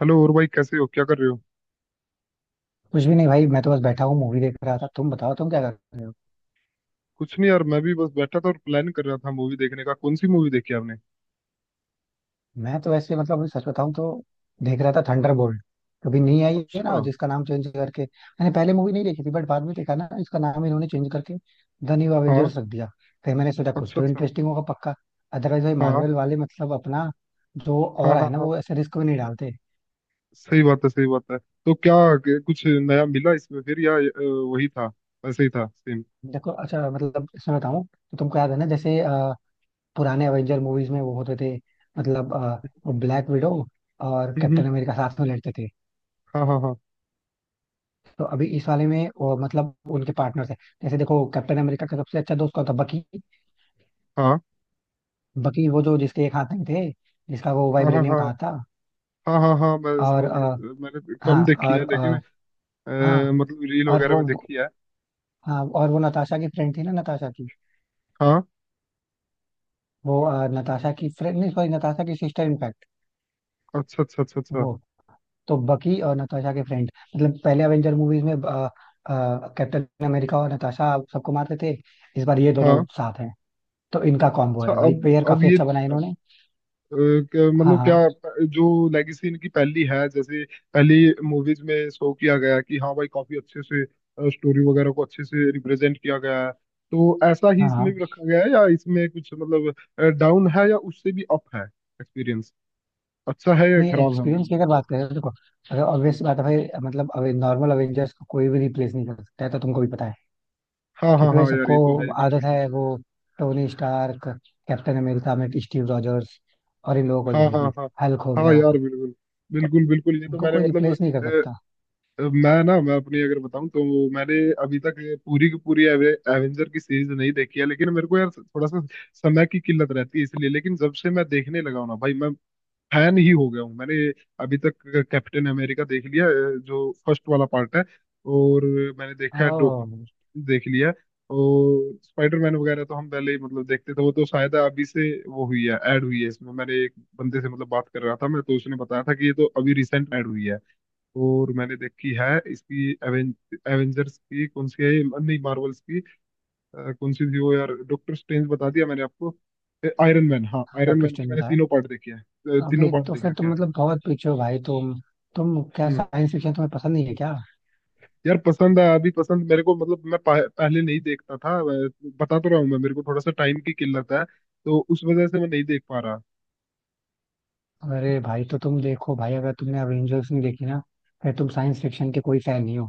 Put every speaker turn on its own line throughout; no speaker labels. Hello और भाई, कैसे हो? क्या कर रहे हो?
कुछ भी नहीं भाई, मैं तो बस बैठा हूँ। मूवी देख रहा था। तुम बताओ, तुम क्या कर रहे हो?
कुछ नहीं यार, मैं भी बस बैठा था और प्लान कर रहा था मूवी देखने का। कौन सी मूवी देखी आपने?
मैं तो वैसे मतलब अभी सच बताऊं तो देख रहा था थंडरबोल्ट। कभी नहीं आई, है
अच्छा।
ना, जिसका नाम चेंज करके। मैंने पहले मूवी नहीं देखी थी, बट बाद में देखा ना इसका नाम इन्होंने चेंज करके द न्यू
हाँ।
एवेंजर्स रख दिया। फिर मैंने सोचा कुछ
अच्छा
तो
अच्छा।
इंटरेस्टिंग होगा पक्का। अदरवाइज भाई
हाँ
मार्वल वाले मतलब अपना जो
हाँ
और है
हाँ।
ना,
हाँ,
वो ऐसे रिस्क में नहीं डालते।
सही बात है, सही बात है। तो क्या कुछ नया मिला इसमें, फिर या वही था? वैसे ही था, सेम?
देखो अच्छा, मतलब इसमें बताऊं तो तुमको याद है ना जैसे पुराने एवेंजर मूवीज में वो होते थे मतलब ब्लैक विडो और
हम्म।
कैप्टन अमेरिका साथ में लड़ते थे।
हाँ हाँ
तो अभी इस वाले में वो मतलब उनके पार्टनर्स है। जैसे देखो, कैप्टन अमेरिका का सबसे अच्छा दोस्त कौन था? बकी।
हाँ
बकी, वो जो जिसके एक हाथ नहीं थे, जिसका वो
हाँ हाँ
वाइब्रेनियम
हाँ
कहा था।
हाँ हाँ हाँ हाँ, मैं
और
समझ गया। तो मैंने
हाँ।
कम देखी है
और
लेकिन
हाँ।
मतलब रील
और
वगैरह
वो
में देखी है।
हाँ, और वो नताशा की फ्रेंड थी ना, नताशा की।
हाँ,
वो नताशा की फ्रेंड नहीं, सॉरी, नताशा की सिस्टर इनफैक्ट,
अच्छा अच्छा अच्छा अच्छा।
वो। तो बकी और नताशा के फ्रेंड मतलब पहले अवेंजर मूवीज में कैप्टन अमेरिका और नताशा सबको मारते थे। इस बार ये दोनों
हाँ।
साथ हैं। तो इनका कॉम्बो
अच्छा,
है भाई,
अब
पेयर
अब
काफी
ये
अच्छा बना है इन्होंने। हाँ,
मतलब क्या
हाँ,
जो लेगेसी इनकी पहली है, जैसे पहली मूवीज में शो किया गया कि हाँ भाई, काफी अच्छे से स्टोरी वगैरह को अच्छे से रिप्रेजेंट किया गया है। तो ऐसा ही
हाँ,
इसमें
हाँ।
भी रखा गया है या इसमें कुछ मतलब डाउन है, या उससे भी अप है एक्सपीरियंस? अच्छा है या
नहीं,
खराब है,
एक्सपीरियंस
मतलब
की
ये
अगर
बताओ।
बात करें तो देखो, अगर
हम्म।
ऑब्वियस बात है भाई, मतलब अवे नॉर्मल अवेंजर्स को कोई भी रिप्लेस नहीं कर सकता है, तो तुमको भी पता है।
हाँ हाँ
क्योंकि भाई
हाँ यार,
सबको
ये तो है ही, बिल्कुल
आदत है
बिल्कुल।
वो टोनी स्टार्क, कैप्टन अमेरिका में स्टीव रॉजर्स, और इन लोगों को
हाँ
देखने
हाँ
की।
हाँ
हल्क हो
हाँ
गया।
यार बिल्कुल
तो
बिल्कुल बिल्कुल, ये तो
इनको
मैंने
कोई रिप्लेस नहीं कर सकता।
मतलब... मैं अपनी अगर बताऊं तो मैंने अभी तक पूरी की पूरी एवेंजर की सीरीज नहीं देखी है, लेकिन मेरे को यार थोड़ा सा समय की किल्लत रहती है, इसलिए। लेकिन जब से मैं देखने लगा हूं ना भाई, मैं फैन ही हो गया हूँ। मैंने अभी तक कैप्टन अमेरिका देख लिया, जो फर्स्ट वाला पार्ट है। और मैंने देखा है डॉक,
ओह।
देख लिया है। और स्पाइडरमैन वगैरह तो हम पहले ही मतलब देखते थे, वो तो शायद अभी से वो हुई है, ऐड हुई है इसमें। मैंने एक बंदे से मतलब बात कर रहा था मैं तो, उसने बताया था कि ये तो अभी रिसेंट ऐड हुई है। और मैंने देखी है इसकी एवेंजर्स की। कौन सी है ये? नहीं, मार्वल्स की। कौन सी थी वो यार? डॉक्टर स्ट्रेंज, बता दिया मैंने आपको। आयरन मैन, हाँ
हाँ,
आयरन
डॉक्टर
मैन के
स्ट्रेंज
मैंने
बताया।
तीनों पार्ट देखे हैं। तीनों
अभी
पार्ट
तो
देख
फिर
रखे
तुम
हैं आयरन
मतलब
मैन के।
बहुत पीछे हो भाई तुम। तुम क्या,
हम्म।
साइंस फिक्शन तुम्हें पसंद नहीं है क्या?
यार पसंद है, अभी पसंद मेरे को। मतलब मैं पहले नहीं देखता था। बता तो रहा हूँ मैं, मेरे को थोड़ा सा टाइम की किल्लत है, तो उस वजह से मैं नहीं देख पा रहा।
अरे भाई, तो तुम देखो भाई, अगर तुमने अवेंजर्स नहीं देखी ना, फिर तुम साइंस फिक्शन के कोई फैन नहीं हो।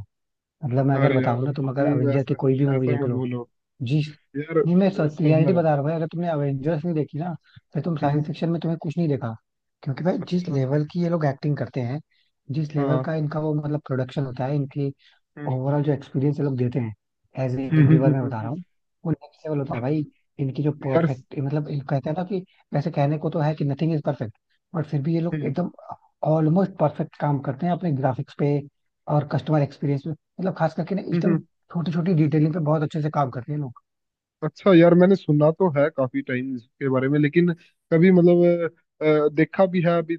मतलब मैं अगर
अरे यार,
बताऊं ना,
मैं
तुम अगर
हूँ
अवेंजर की
ऐसा।
कोई भी मूवी
ऐसा
देख
मत
लो।
बोलो।
जी।
यार
नहीं, मैं सच
सब में।
रियलिटी बता रहा हूँ भाई, अगर तुमने अवेंजर्स नहीं देखी ना, फिर तुम
हम्म।
साइंस फिक्शन में तुम्हें कुछ नहीं देखा। क्योंकि भाई जिस
अच्छा।
लेवल की ये लोग एक्टिंग करते हैं, जिस लेवल
हाँ।
का इनका वो मतलब प्रोडक्शन होता है इनकी,
हम्म।
ओवरऑल जो एक्सपीरियंस ये लोग देते हैं, as a
hmm. Hmm. Hmm.
Viewer मैं
हम्म।
बता
हम्म।
रहा हूँ, वो नेक्स्ट लेवल होता
आह,
है भाई। इनकी जो
यार।
परफेक्ट मतलब इन कहते हैं ना कि, वैसे कहने को तो है कि नथिंग इज परफेक्ट, बट फिर भी ये लोग
हम्म
एकदम ऑलमोस्ट परफेक्ट काम करते हैं अपने ग्राफिक्स पे और कस्टमर एक्सपीरियंस पे, मतलब खास करके ना
हम्म।
एकदम
हम्म।
छोटी छोटी डिटेलिंग पे बहुत अच्छे से काम करते हैं लोग।
अच्छा यार, मैंने सुना तो है काफी टाइम इसके बारे में, लेकिन कभी मतलब, देखा भी है अभी।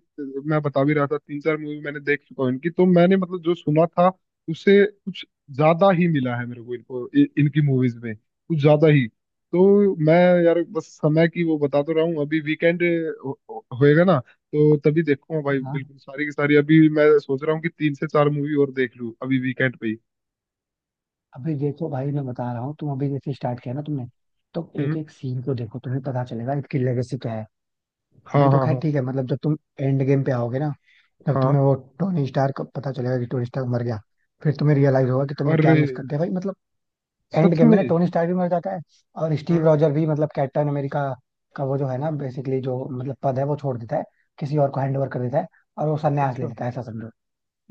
मैं बता भी रहा था, तीन चार मूवी मैंने देख चुका हूँ इनकी। तो मैंने मतलब जो सुना था उससे कुछ ज्यादा ही मिला है मेरे को इनको, इनकी मूवीज में कुछ ज्यादा ही। तो मैं यार, बस समय की वो बता तो रहा हूँ। अभी वीकेंड होएगा ना, तो तभी देखूंगा भाई
हाँ,
बिल्कुल सारी की सारी। अभी मैं सोच रहा हूँ कि तीन से चार मूवी और देख लूँ अभी वीकेंड पे ही।
अभी देखो भाई मैं बता रहा हूँ, तुम अभी जैसे स्टार्ट किया ना तुमने, तो एक
हम्म।
एक सीन को देखो, तुम्हें पता चलेगा इसकी लेगेसी क्या है।
हाँ
अभी तो
हाँ
खैर
हाँ
ठीक है, मतलब जब तुम एंड गेम पे आओगे ना, जब
हाँ।
तुम्हें वो टोनी स्टार्क का पता चलेगा कि टोनी स्टार्क मर गया, फिर तुम्हें रियलाइज होगा कि तुमने क्या
अरे,
मिस कर दिया भाई मतलब। एंड
सच
गेम में
में?
ना टोनी स्टार्क भी मर जाता है, और स्टीव
हाँ
रॉजर भी मतलब कैप्टन अमेरिका का वो जो है ना,
हाँ।
बेसिकली जो मतलब पद है वो छोड़ देता है, किसी और को हैंड ओवर कर देता है, और वो सन्यास ले
अच्छा
लेता है, ऐसा समझो।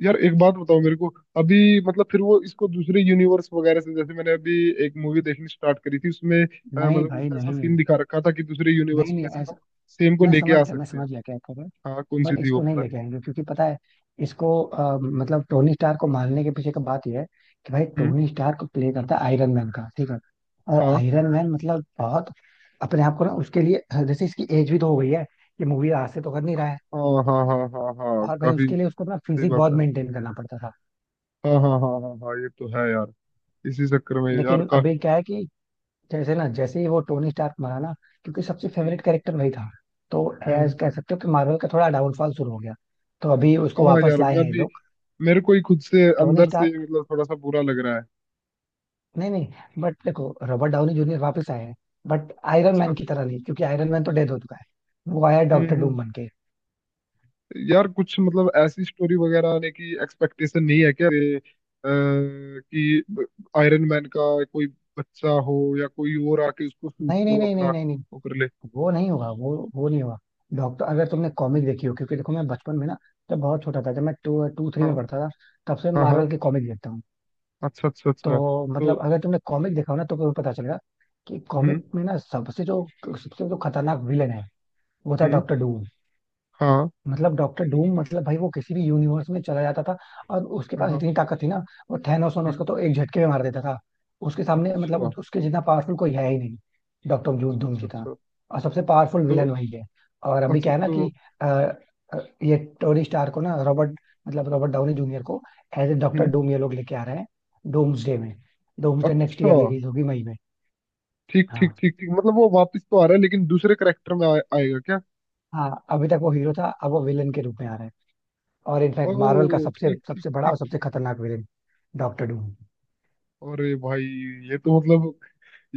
यार, एक बात बताओ मेरे को। अभी मतलब फिर वो इसको दूसरे यूनिवर्स वगैरह से, जैसे मैंने अभी एक मूवी देखनी स्टार्ट करी थी, उसमें
नहीं
मतलब
भाई,
कुछ ऐसा
नहीं,
सीन
नहीं,
दिखा रखा था कि दूसरे यूनिवर्स
नहीं,
में से हम सेम को
मैं
लेके
समझ
आ
गया, मैं
सकते हैं।
समझ गया क्या कह रहे।
हाँ, कौन सी
बट
थी वो
इसको नहीं
पता
लेके आएंगे क्योंकि पता है, इसको मतलब टोनी स्टार को मारने के पीछे का बात यह है कि, भाई
नहीं। हम्म।
टोनी स्टार को प्ले करता है आयरन मैन का, ठीक है। और
हाँ
आयरन मैन मतलब बहुत अपने आप को ना उसके लिए, जैसे इसकी एज भी तो हो गई है, ये मूवी आज से तो कर नहीं रहा है।
हाँ हाँ हाँ हाँ हाँ,
और भाई
काफी
उसके लिए उसको ना
सही
फिजिक
बात
बहुत
है।
मेंटेन करना पड़ता था।
हाँ हाँ हाँ हाँ हाँ, ये तो है यार। इसी चक्कर में यार
लेकिन अभी
काफी...
क्या है कि, जैसे ना, जैसे ही वो टोनी स्टार्क मरा ना, क्योंकि सबसे
हम्म
फेवरेट कैरेक्टर वही था, तो
हम्म।
एज कह सकते हो कि मार्वल का थोड़ा डाउनफॉल शुरू हो गया। तो अभी उसको
हाँ
वापस
यार,
लाए
मैं
हैं ये
भी
लोग।
मेरे को ही खुद से
टोनी
अंदर से
स्टार्क।
मतलब थोड़ा सा बुरा लग रहा है।
नहीं नहीं, बट देखो, रॉबर्ट डाउनी जूनियर वापस आए हैं, बट आयरन मैन
अच्छा।
की तरह नहीं, क्योंकि आयरन मैन तो डेड हो चुका है। वो आया डॉक्टर
हम्म।
डूम बन के।
यार कुछ मतलब ऐसी स्टोरी वगैरह आने की एक्सपेक्टेशन नहीं है क्या? अरे, कि आयरन मैन का कोई बच्चा हो या कोई और आके उसको सूट
नहीं, नहीं,
को
नहीं,
अपना
नहीं, नहीं,
वो
नहीं,
कर ले।
वो नहीं होगा, वो नहीं होगा। डॉक्टर, अगर तुमने कॉमिक देखी हो, क्योंकि देखो मैं बचपन में ना, जब बहुत छोटा था, जब मैं टू टू थ्री में
हाँ
पढ़ता था, तब से
हाँ हाँ।
मार्वल की कॉमिक देखता हूँ।
अच्छा अच्छा
तो
अच्छा। तो
मतलब अगर तुमने कॉमिक देखा हो ना, तो तुम्हें पता चलेगा कि
हम्म
कॉमिक में ना सबसे जो खतरनाक विलन है, वो था
हम्म।
Doctor Doom.
हाँ
मतलब डॉक्टर डूम मतलब भाई, वो किसी भी यूनिवर्स में चला जाता था, और उसके
हाँ
पास
हाँ।
इतनी ताकत थी ना, वो थैनोस वैनोस
हम्म।
को तो एक झटके में मार देता था। उसके सामने मतलब
अच्छा
उसके जितना पावरफुल कोई है ही नहीं, डॉक्टर डूम
अच्छा
डूम
अच्छा
जितना।
अच्छा।
और सबसे पावरफुल
तो
विलन वही है। और अभी
अच्छा।
क्या है ना
तो
कि ये टोनी स्टार को ना रॉबर्ट, मतलब रॉबर्ट डाउनी जूनियर को as a doctor
hmm.
Doom ये लोग लेके आ रहे हैं डूम्सडे में। डूम्सडे नेक्स्ट
अच्छा,
ईयर रिलीज होगी मई में।
ठीक ठीक
हाँ।
ठीक ठीक, मतलब वो वापस तो आ रहा है, लेकिन दूसरे करेक्टर में आएगा क्या?
हाँ, अभी तक वो हीरो था, अब वो विलन के रूप में आ रहा है। और इनफैक्ट मार्वल का
ओह,
सबसे
ठीक ठीक
सबसे बड़ा
ठीक
और सबसे
ठीक।
खतरनाक विलेन, डॉक्टर डूम।
अरे भाई, ये तो मतलब,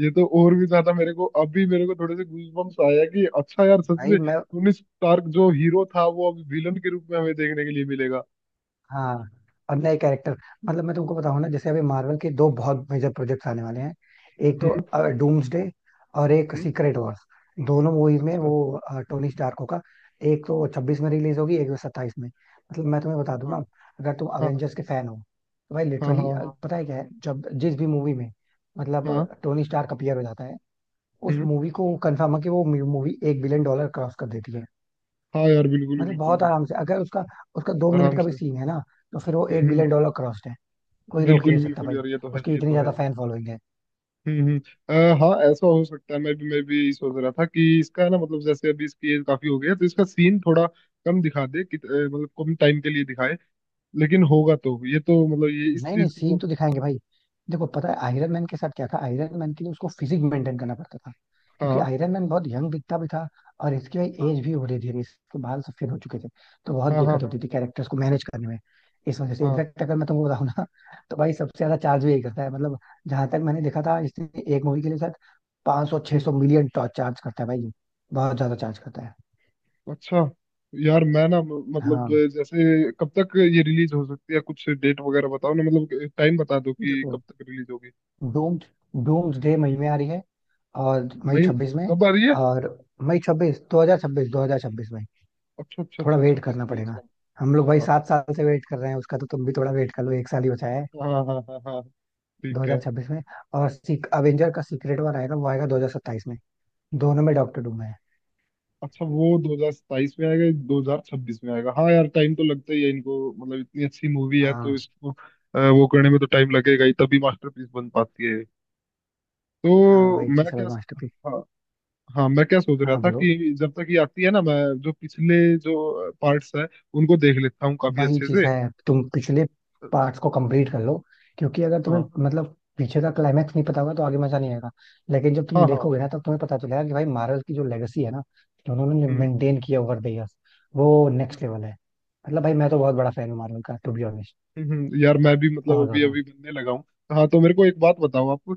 ये तो और भी ज्यादा। मेरे को अभी मेरे को थोड़े से गूजबम्प्स आया कि अच्छा यार, सच
भाई
में
मैं,
टोनी स्टार्क जो हीरो था वो अब विलन के रूप में हमें देखने के लिए मिलेगा।
हाँ, और नए कैरेक्टर, मतलब मैं तुमको बताऊं ना, जैसे अभी मार्वल के दो बहुत मेजर प्रोजेक्ट्स आने वाले हैं। एक तो
हम्म
डूम्सडे, और एक
हम्म।
Secret Wars. दोनों मूवीज में
अच्छा।
वो टोनी स्टार्क होगा। एक तो 26 में रिलीज होगी, एक तो 27 में। मतलब मैं तुम्हें बता दूं
हाँ
ना, अगर तुम
हाँ
अवेंजर्स के फैन हो तो भाई
हाँ
लिटरली,
हाँ हाँ
पता है क्या है, जब जिस भी मूवी में मतलब
हाँ।
टोनी स्टार्क अपीयर हो जाता है, उस
हम्म।
मूवी को कंफर्म है कि वो मूवी एक बिलियन डॉलर क्रॉस कर देती है।
हाँ यार, बिल्कुल
मतलब
बिल्कुल
बहुत आराम
बिल्कुल।
से, अगर उसका उसका 2 मिनट
आराम
का भी
से।
सीन है ना, तो फिर वो एक
हम्म।
बिलियन डॉलर क्रॉस्ड है, कोई रोक ही
बिल्कुल
नहीं सकता
बिल्कुल
भाई।
यार, ये तो है,
उसकी
ये
इतनी
तो है।
ज्यादा फैन फॉलोइंग है।
हम्म। हाँ, ऐसा हो सकता है। मैं भी सोच रहा था कि इसका है ना, मतलब जैसे अभी इसकी एज काफी हो गई है, तो इसका सीन थोड़ा कम दिखा दे, कि मतलब कम टाइम के लिए दिखाए। लेकिन होगा तो ये, तो मतलब ये इस
नहीं नहीं,
चीज
सीन
को...
तो दिखाएंगे भाई। देखो पता है, आयरन मैन के साथ क्या था, आयरन मैन के लिए उसको फिजिक मेंटेन करना पड़ता था, क्योंकि
हाँ
आयरन मैन बहुत यंग दिखता भी था, और इसकी भाई एज भी हो रही थी, इसके बाल सफेद हो चुके थे, तो बहुत
हाँ हाँ
दिक्कत
हाँ
होती थी कैरेक्टर्स को मैनेज करने में। इस वजह से
हाँ।
इनफैक्ट अगर मैं तुमको बताऊं ना तो भाई सबसे ज्यादा चार्ज भी यही करता है मतलब, जहां तक मैंने देखा था इसने, एक मूवी के लिए शायद 500 600
हम्म।
सौ मिलियन चार्ज करता है भाई, बहुत ज्यादा चार्ज करता है।
अच्छा यार, मैं ना मतलब
हाँ
जैसे कब तक ये रिलीज हो सकती है? कुछ डेट वगैरह बताओ ना, मतलब टाइम बता दो कि कब
देखो,
तक रिलीज होगी।
डूम्स डूम्स डे मई में आ रही है, और मई
मई?
छब्बीस में,
कब आ रही है?
और मई छब्बीस दो हजार छब्बीस में।
अच्छा अच्छा
थोड़ा
अच्छा।
वेट
छब्बीस
करना
मई
पड़ेगा।
को।
हम लोग भाई
अच्छा।
7 साल से वेट कर रहे हैं उसका, तो तुम भी थोड़ा वेट कर लो, एक साल ही बचा है।
हाँ हाँ हाँ हाँ हाँ,
दो
ठीक
हजार
है।
छब्बीस में। और सीक अवेंजर का सीक्रेट वार आएगा, वो आएगा 2027 में। दोनों में डॉक्टर डूम है।
अच्छा, वो 2027 में आएगा, 2026 में आएगा। हाँ यार, टाइम तो लगता ही है इनको, मतलब इतनी अच्छी मूवी है तो
हाँ,
इसको वो करने में तो टाइम लगेगा ही, तभी मास्टरपीस बन पाती है।
हाँ
तो
भाई
मैं
जी,
क्या...
भाई मास्टरपीस।
हाँ हाँ, मैं क्या सोच रहा
हाँ
था
बोलो।
कि जब तक ये आती है ना, मैं जो पिछले जो पार्ट्स है उनको देख लेता हूँ काफी
वही
अच्छे
चीज
से।
है, तुम पिछले पार्ट्स को कंप्लीट कर लो, क्योंकि अगर तुम्हें
हाँ
मतलब पीछे का क्लाइमैक्स नहीं पता होगा तो आगे मजा नहीं आएगा। लेकिन जब तुम
हाँ हाँ।
देखोगे ना, तब तुम्हें पता चलेगा कि भाई मार्वल की जो लेगेसी है ना, जो उन्होंने
हम्म
मेंटेन किया ओवर द इयर्स, वो
हम्म।
नेक्स्ट लेवल है। मतलब भाई मैं तो बहुत बड़ा फैन हूँ मार्वल का, टू बी ऑनेस्ट,
हम्म। हम्म। यार मैं भी मतलब
बहुत
अभी
ज्यादा।
अभी बनने लगा हूँ। हाँ, तो मेरे को एक बात बताओ आप।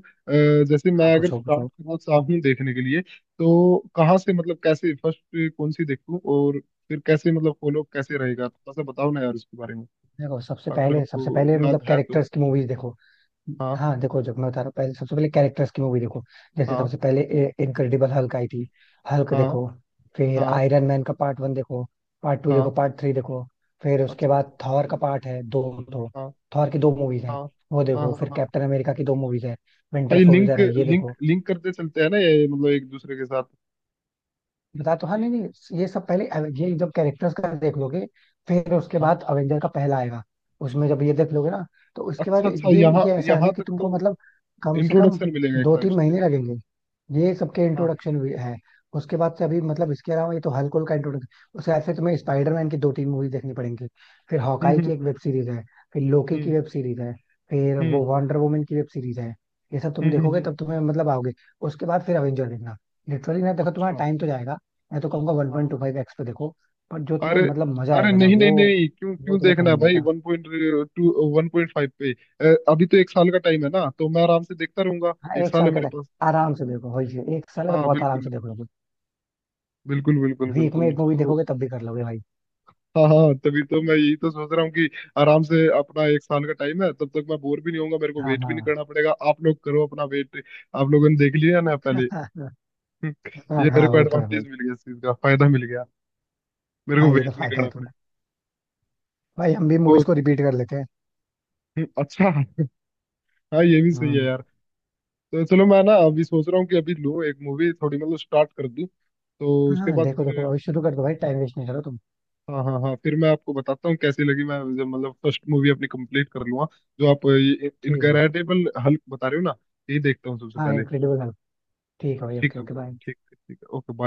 जैसे
हाँ
मैं अगर
पूछो,
स्टार्ट
पूछो।
करना चाहूँ देखने के लिए, तो कहाँ से मतलब कैसे फर्स्ट कौन सी देखूँ? और फिर कैसे मतलब फॉलो कैसे रहेगा? थोड़ा सा बताओ ना यार इसके बारे में,
देखो, सबसे
अगर
पहले, सबसे
आपको
पहले मतलब
याद है तो।
कैरेक्टर्स की मूवीज देखो।
हाँ
हाँ देखो, जब मैं बता रहा हूँ पहले, सबसे पहले कैरेक्टर्स की मूवी देखो। जैसे
हाँ
सबसे पहले इनक्रेडिबल हल्क आई थी, हल्क
हाँ
देखो। फिर
हाँ
आयरन मैन का पार्ट 1 देखो, पार्ट 2 देखो,
हाँ।
पार्ट 3 देखो। फिर उसके
अच्छा अच्छा।
बाद थॉर का पार्ट है दो, दो।
हाँ
थॉर की दो मूवीज
हाँ
हैं, वो
हाँ हाँ
देखो।
हाँ
फिर
हाँ,
कैप्टन अमेरिका की दो मूवीज है, विंटर
ये लिंक
सोल्जर है, ये
लिंक
देखो।
लिंक करते चलते हैं ना ये, मतलब एक दूसरे के साथ?
बता तो, हाँ नहीं नहीं, ये सब पहले ये जब कैरेक्टर्स का देख लोगे, फिर उसके
हाँ।
बाद अवेंजर का पहला आएगा। उसमें जब ये देख लोगे ना, तो उसके बाद
अच्छा अच्छा,
ये
यहाँ
ये ऐसा है ना
यहाँ
कि
तक तो
तुमको मतलब
मतलब
कम से कम
इंट्रोडक्शन मिलेगा एक
दो
टाइप
तीन
से।
महीने लगेंगे। ये सबके
हाँ।
इंट्रोडक्शन भी है। उसके बाद से अभी, मतलब इसके अलावा, ये तो हल्क का इंट्रोडक्शन, उसके बाद से तुम्हें स्पाइडरमैन की 2-3 मूवी देखनी पड़ेंगी, फिर हॉकाई की
हम्म।
एक वेब सीरीज है, फिर लोकी की
हम्म
वेब सीरीज है, फिर
हम्म।
वो वंडर वुमन की वेब सीरीज है। ये सब तुम
हम्म।
देखोगे
हम्म।
तब तुम्हें मतलब आओगे। उसके बाद फिर अवेंजर देखना। लिटरली ना देखो, तुम्हारा
अच्छा।
टाइम तो जाएगा। मैं तो कहूंगा वन
हाँ
पॉइंट
हाँ।
टू फाइव एक्स पे देखो, पर जो तुम्हें
अरे
मतलब मजा
अरे,
आएगा ना
नहीं नहीं
वो
नहीं, क्यों
वो
क्यों
तुम्हें
देखना
कहीं
है
नहीं
भाई
आएगा।
1.2, 1.5 पे? अभी तो एक साल का टाइम है ना, तो मैं आराम से देखता रहूंगा।
हाँ,
एक
एक
साल है
साल का
मेरे
टाइम।
पास।
आराम से देखो, वही चीज़, एक साल है तो
हाँ
बहुत आराम
बिल्कुल
से देख लोगे।
बिल्कुल बिल्कुल
वीक में
बिल्कुल।
एक मूवी
तो
देखोगे तब भी कर लोगे भाई।
हाँ हाँ, तभी तो मैं यही तो सोच रहा हूँ कि आराम से अपना एक साल का टाइम है, तब तक मैं बोर भी नहीं होऊंगा, मेरे को
हाँ
वेट भी नहीं
हाँ।
करना पड़ेगा। आप लोग करो अपना वेट, आप लोगों ने देख लिया ना पहले।
हाँ
हम्म। ये मेरे
हाँ,
को
वो तो है भाई।
एडवांटेज मिल गया, इस चीज का फायदा मिल गया, मेरे को
हाँ, ये तो
वेट नहीं
फायदा
करना
है
पड़ेगा।
तुम्हारा। भाई हम भी
तो
मूवीज को रिपीट कर लेते हैं।
हम्म। अच्छा, हाँ ये भी सही है
हम्म।
यार। तो चलो, मैं ना अभी सोच रहा हूँ कि अभी लो एक मूवी थोड़ी मतलब स्टार्ट कर दूँ, तो उसके
हाँ
बाद
देखो, देखो
फिर...
अभी शुरू कर दो भाई, टाइम वेस्ट नहीं करो तुम।
हाँ हाँ हाँ, फिर मैं आपको बताता हूँ कैसी लगी, मैं जब मतलब फर्स्ट मूवी अपनी कंप्लीट कर लूंगा, जो आप ये
ठीक है।
इनकरेडिबल हल्क बता रहे हो ना, यही देखता हूँ सबसे
हाँ,
पहले।
Incredible Hulk. ठीक है
हाँ,
भाई,
ठीक
ओके
है
ओके, बाय।
ठीक है ठीक है, ओके।